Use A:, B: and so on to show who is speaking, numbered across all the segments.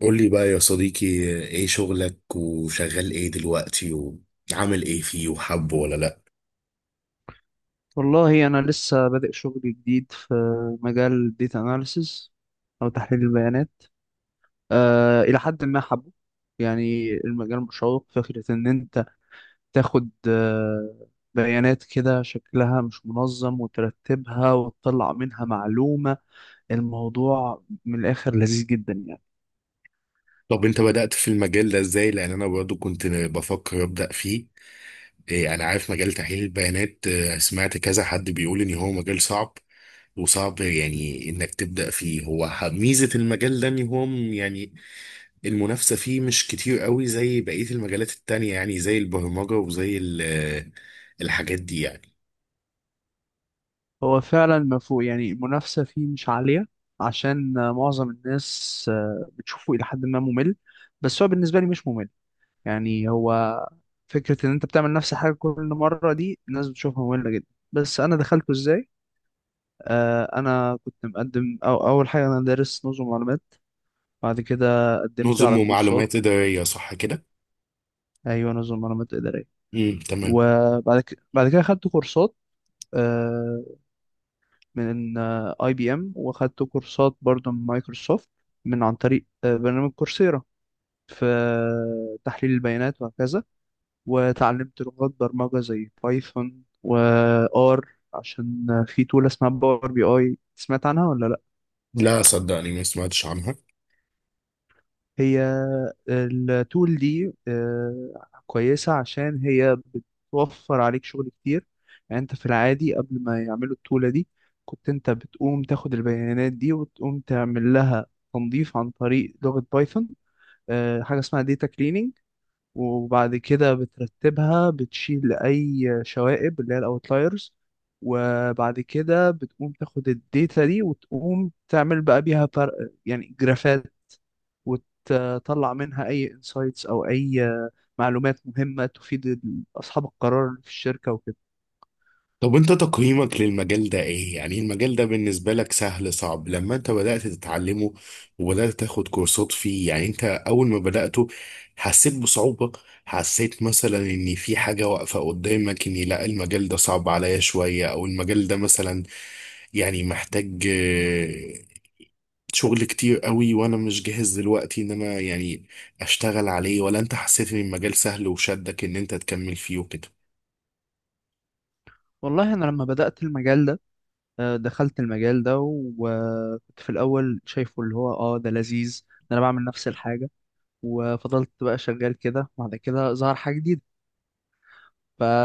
A: قول لي بقى يا صديقي، ايه شغلك وشغال ايه دلوقتي وعامل ايه فيه وحبه ولا لا؟
B: والله انا لسه بادئ شغل جديد في مجال داتا اناليسز او تحليل البيانات. الى حد ما حبه. يعني المجال مشوق، فكره ان انت تاخد بيانات كده شكلها مش منظم وترتبها وتطلع منها معلومه. الموضوع من الاخر لذيذ جدا يعني.
A: طب انت بدأت في المجال ده ازاي؟ لان انا برضو كنت بفكر ابدأ فيه. إيه انا عارف مجال تحليل البيانات، سمعت كذا حد بيقول ان هو مجال صعب وصعب يعني انك تبدأ فيه. هو ميزة المجال ده ان هو يعني المنافسة فيه مش كتير قوي زي بقية المجالات التانية، يعني زي البرمجة وزي الحاجات دي يعني.
B: هو فعلا ما فوق، يعني المنافسه فيه مش عاليه عشان معظم الناس بتشوفه الى حد ما ممل. بس هو بالنسبه لي مش ممل. يعني هو فكرة إن أنت بتعمل نفس الحاجة كل مرة، دي الناس بتشوفها مملة جدا. بس أنا دخلته إزاي؟ أنا كنت مقدم، أو أول حاجة أنا دارس نظم معلومات. بعد كده قدمت
A: نظم
B: على كورسات.
A: ومعلومات إدارية، صح كده؟
B: أيوة، نظم معلومات إدارية.
A: تمام.
B: وبعد كده بعد كده خدت كورسات آه من أي بي إم، وخدت كورسات برضه من مايكروسوفت، من عن طريق برنامج كورسيرا، في تحليل البيانات وهكذا. وتعلمت لغات برمجة زي بايثون و R، عشان في تول اسمها باور بي اي، سمعت عنها ولا لا؟
A: لا، صدقني ما سمعتش عنها.
B: هي التول دي كويسة عشان هي بتوفر عليك شغل كتير. يعني انت في العادي قبل ما يعملوا التولة دي كنت انت بتقوم تاخد البيانات دي وتقوم تعمل لها تنظيف عن طريق لغة بايثون، حاجة اسمها داتا cleaning. وبعد كده بترتبها، بتشيل أي شوائب اللي هي الأوتلايرز، وبعد كده بتقوم تاخد الداتا دي وتقوم تعمل بقى بيها فرق، يعني جرافات، وتطلع منها أي انسايتس أو أي معلومات مهمة تفيد أصحاب القرار اللي في الشركة وكده.
A: طب انت تقييمك للمجال ده ايه؟ يعني المجال ده بالنسبة لك سهل صعب لما انت بدأت تتعلمه وبدأت تاخد كورسات فيه؟ يعني انت اول ما بدأته حسيت بصعوبة؟ حسيت مثلا ان في حاجة واقفة قدامك اني لا المجال ده صعب عليا شوية، او المجال ده مثلا يعني محتاج شغل كتير قوي وانا مش جاهز دلوقتي ان انا يعني اشتغل عليه، ولا انت حسيت ان المجال سهل وشدك ان انت تكمل فيه وكده؟
B: والله أنا لما بدأت المجال ده، دخلت المجال ده وكنت في الأول شايفه اللي هو اه ده لذيذ، ده أنا بعمل نفس الحاجة. وفضلت بقى شغال كده، بعد كده ظهر حاجة جديدة،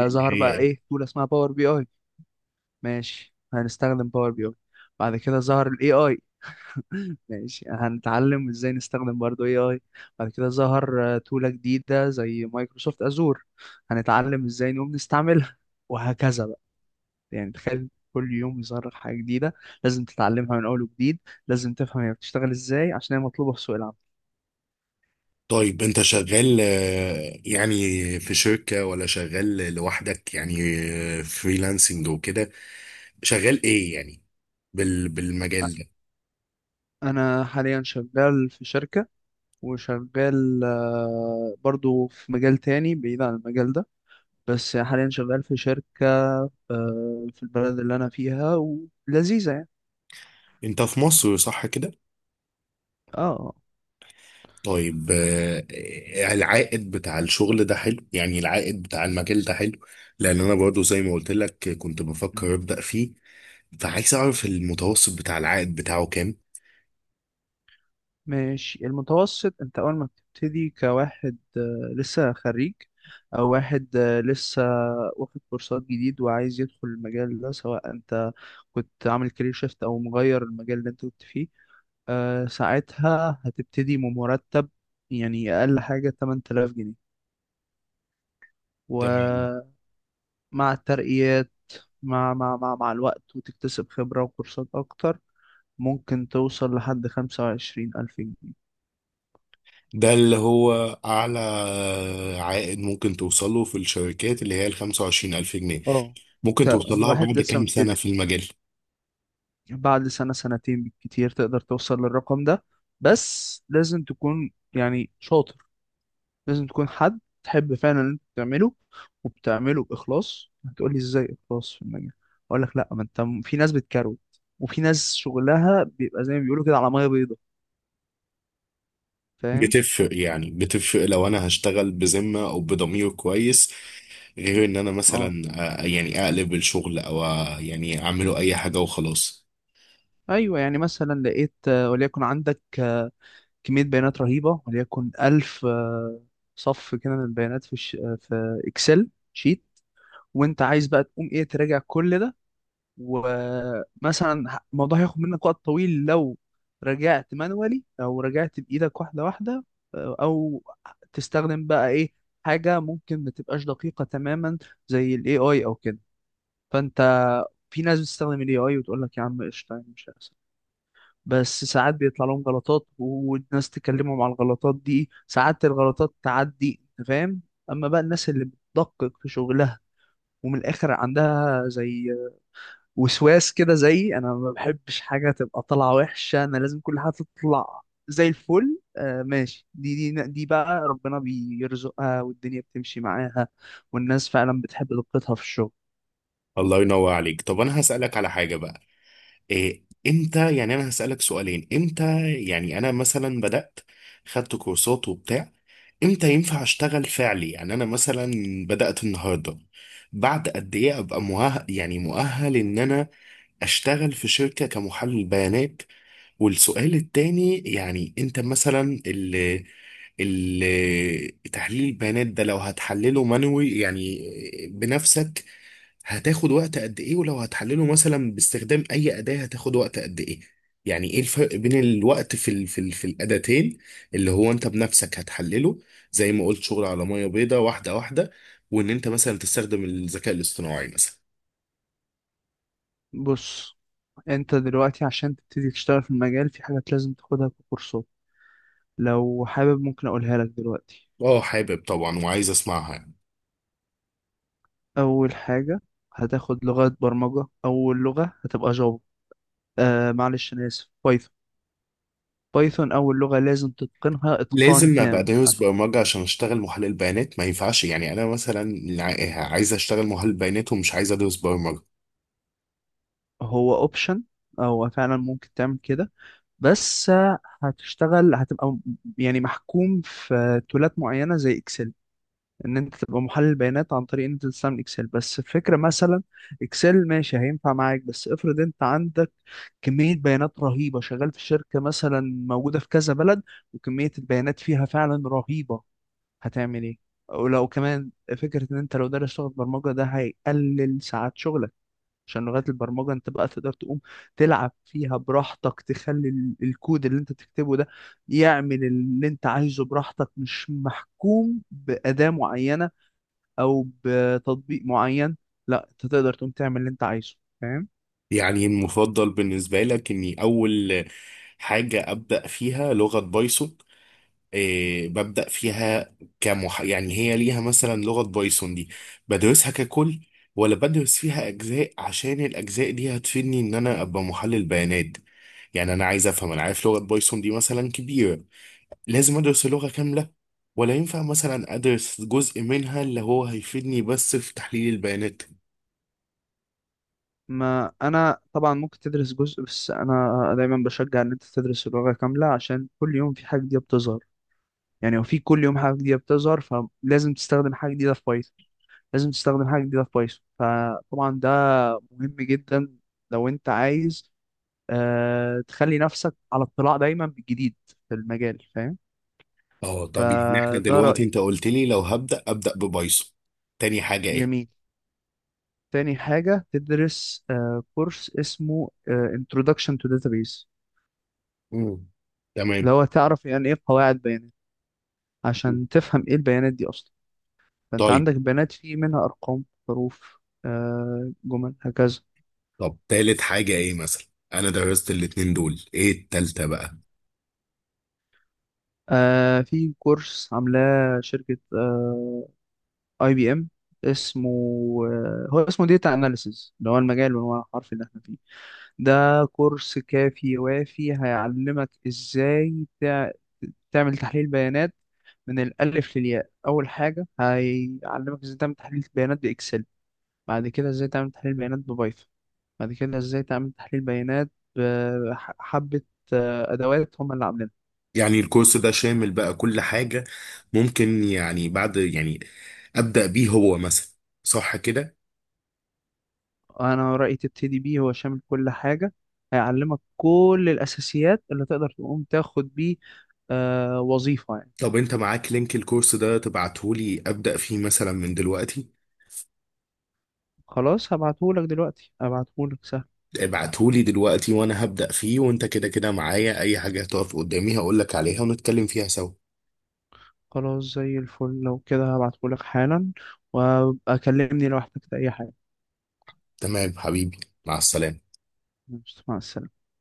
A: اللي هي
B: بقى
A: ايه؟
B: ايه، تول اسمها باور بي اي. ماشي، هنستخدم باور بي اي. بعد كده ظهر الاي اي. ماشي، هنتعلم ازاي نستخدم برضو اي اي. بعد كده ظهر تولة جديدة زي مايكروسوفت ازور. هنتعلم ازاي نقوم نستعملها، وهكذا بقى. يعني تخيل كل يوم يظهر لك حاجة جديدة لازم تتعلمها من اول وجديد، لازم تفهم هي بتشتغل ازاي عشان هي مطلوبة في سوق العمل.
A: طيب انت شغال يعني في شركة ولا شغال لوحدك، يعني فريلانسنج وكده؟ شغال ايه يعني
B: أ-
A: بالمجال ده؟
B: انا حاليا شغال في شركة، وشغال برضو في مجال تاني بعيد عن المجال ده. بس حاليا شغال في شركة في البلد اللي أنا فيها ولذيذة يعني.
A: انت في مصر، صح كده؟
B: اه.
A: طيب، العائد بتاع الشغل ده حلو؟ يعني العائد بتاع المجال ده حلو؟ لان انا برضو زي ما قلت لك كنت بفكر ابدأ فيه، فعايز اعرف المتوسط بتاع العائد بتاعه كام؟
B: ماشي، المتوسط، انت اول ما بتبتدي كواحد لسه خريج، او واحد لسه واخد كورسات جديد وعايز يدخل المجال ده، سواء انت كنت عامل كارير شيفت او مغير المجال اللي انت كنت فيه، ساعتها هتبتدي بمرتب يعني اقل حاجة 8000 جنيه.
A: تمام.
B: ومع الترقيات، مع الوقت وتكتسب خبرة وكورسات أكتر، ممكن توصل لحد 25000 جنيه.
A: ده اللي هو أعلى عائد ممكن توصله في الشركات اللي هي ال 25,000 جنيه؟
B: اه،
A: ممكن توصل لها
B: كواحد
A: بعد
B: لسه
A: كام سنة
B: مبتدي،
A: في المجال؟
B: بعد سنة سنتين بالكتير تقدر توصل للرقم ده. بس لازم تكون يعني شاطر، لازم تكون حد تحب فعلا اللي انت بتعمله وبتعمله بإخلاص. هتقولي ازاي إخلاص في المجال؟ أقول لك، لأ، ما انت في ناس بتكروت، وفي ناس شغلها بيبقى زي ما بيقولوا كده على مية بيضة. فاهم؟
A: بتفرق، يعني بتفرق لو أنا هشتغل بذمة أو بضمير كويس، غير إن أنا
B: اه.
A: مثلا يعني أقلب الشغل، أو يعني أعمله أي حاجة وخلاص.
B: ايوه، يعني مثلا لقيت وليكن عندك كميه بيانات رهيبه، وليكن 1000 صف كده من البيانات في الش... آه، في اكسل شيت، وانت عايز بقى تقوم ايه، تراجع كل ده. ومثلا الموضوع هياخد منك وقت طويل لو رجعت مانوالي او رجعت بايدك واحده واحده. او تستخدم بقى ايه، حاجه ممكن ما تبقاش دقيقه تماما زي الاي اي او كده. فانت، في ناس بتستخدم الاي اي وتقول لك يا عم قشطه، يعني مش، بس ساعات بيطلع لهم غلطات والناس تكلمهم على الغلطات دي، ساعات الغلطات تعدي، انت فاهم. اما بقى الناس اللي بتدقق في شغلها، ومن الاخر عندها زي وسواس كده، زي انا ما بحبش حاجه تبقى طالعه وحشه، انا لازم كل حاجه تطلع زي الفل. آه ماشي، دي بقى ربنا بيرزقها والدنيا بتمشي معاها، والناس فعلا بتحب دقتها في الشغل.
A: الله ينور عليك. طب أنا هسألك على حاجة بقى، إيه. امتى يعني انا هسألك سؤالين؟ امتى يعني انا مثلا بدأت خدت كورسات وبتاع امتى ينفع اشتغل فعلي؟ يعني انا مثلا بدأت النهارده، بعد قد ايه ابقى مؤهل، يعني مؤهل ان انا اشتغل في شركة كمحلل بيانات؟ والسؤال التاني، يعني انت مثلا اللي تحليل البيانات ده لو هتحلله مانوي، يعني بنفسك، هتاخد وقت قد ايه؟ ولو هتحلله مثلا باستخدام اي اداة هتاخد وقت قد ايه؟ يعني ايه الفرق بين الوقت في ال في ال في الاداتين؟ اللي هو انت بنفسك هتحلله زي ما قلت شغل على ميه بيضاء واحدة واحدة، وان انت مثلا تستخدم الذكاء الاصطناعي مثلا.
B: بص، انت دلوقتي عشان تبتدي تشتغل في المجال، في حاجات لازم تاخدها ككورسات، لو حابب ممكن أقولها لك دلوقتي.
A: اه، حابب طبعا وعايز اسمعها يعني.
B: أول حاجة هتاخد لغة برمجة، أول لغة هتبقى جافا، آه معلش أنا آسف، بايثون. بايثون أول لغة لازم تتقنها إتقان
A: لازم ابقى
B: تام
A: دارس
B: عشان...
A: برمجه عشان اشتغل محلل بيانات؟ ما ينفعش يعني انا مثلا عايز اشتغل محلل بيانات ومش عايز ادرس برمجه؟
B: هو أوبشن، أو فعلا ممكن تعمل كده، بس هتشتغل، هتبقى يعني محكوم في تولات معينة زي إكسل. ان انت تبقى محلل بيانات عن طريق ان انت تستعمل اكسل، بس الفكره مثلا اكسل ماشي هينفع معاك، بس افرض انت عندك كميه بيانات رهيبه، شغال في شركه مثلا موجوده في كذا بلد وكميه البيانات فيها فعلا رهيبه، هتعمل ايه؟ ولو كمان، فكره ان انت لو دارس لغه برمجه ده هيقلل ساعات شغلك، عشان لغات البرمجه انت بقى تقدر تقوم تلعب فيها براحتك، تخلي الكود اللي انت تكتبه ده يعمل اللي انت عايزه براحتك، مش محكوم بأداة معينة او بتطبيق معين، لا انت تقدر تقوم تعمل اللي انت عايزه، فاهم.
A: يعني المفضل بالنسبة لك إني أول حاجة أبدأ فيها لغة بايثون، إيه؟ ببدأ فيها يعني هي ليها مثلا لغة بايثون دي بدرسها ككل، ولا بدرس فيها أجزاء عشان الأجزاء دي هتفيدني إن أنا أبقى محلل بيانات؟ يعني أنا عايز أفهم، أنا عارف لغة بايثون دي مثلا كبيرة. لازم أدرس اللغة كاملة، ولا ينفع مثلا أدرس جزء منها اللي هو هيفيدني بس في تحليل البيانات؟
B: ما انا طبعا ممكن تدرس جزء، بس انا دايما بشجع ان انت تدرس اللغة كاملة عشان كل يوم في حاجة جديدة بتظهر. يعني وفي كل يوم حاجة جديدة بتظهر، فلازم تستخدم حاجة جديدة في بايثون، لازم تستخدم حاجة جديدة في بايثون، فطبعا ده مهم جدا لو انت عايز تخلي نفسك على اطلاع دايما بالجديد في المجال، فاهم.
A: اه، طب يعني احنا
B: فده
A: دلوقتي
B: رأيي.
A: انت قلت لي لو هبدأ أبدأ ببايثون. تاني حاجة ايه؟
B: جميل. تاني حاجة تدرس كورس اسمه Introduction to Database،
A: مم.
B: اللي
A: تمام.
B: هو تعرف يعني إيه قواعد بيانات،
A: مم.
B: عشان تفهم إيه البيانات دي أصلا. فأنت
A: طيب.
B: عندك بيانات في منها أرقام، حروف، جمل، هكذا.
A: طب تالت حاجة ايه مثلا؟ انا درست الاتنين دول، ايه التالتة بقى؟
B: في كورس عاملاه شركة أي بي إم، اسمه آه، هو اسمه Data Analysis، اللي هو المجال والعنوان الحرفي اللي احنا فيه. ده كورس كافي وافي، هيعلمك ازاي تعمل تحليل بيانات من الألف للياء. أول حاجة هيعلمك إزاي تعمل تحليل بيانات بإكسل، بعد كده إزاي تعمل تحليل بيانات ببايثون، بعد كده إزاي تعمل تحليل بيانات بحبة أدوات هم اللي عاملينها.
A: يعني الكورس ده شامل بقى كل حاجة؟ ممكن يعني بعد يعني أبدأ بيه هو مثلا، صح كده؟
B: أنا رأيي تبتدي بيه، هو شامل كل حاجة، هيعلمك كل الأساسيات اللي تقدر تقوم تاخد بيه وظيفة يعني.
A: طب انت معاك لينك الكورس ده، تبعتهولي أبدأ فيه مثلا من دلوقتي؟
B: خلاص، هبعتهولك دلوقتي، هبعتهولك سهل.
A: ابعتهولي دلوقتي وانا هبدأ فيه، وانت كده كده معايا، اي حاجة هتقف قدامي هقولك عليها ونتكلم فيها سوا.
B: خلاص، زي الفل، لو كده هبعتهولك حالا، وأكلمني لو احتجت أي حاجة.
A: تمام حبيبي، مع السلامة.
B: مع السلامة.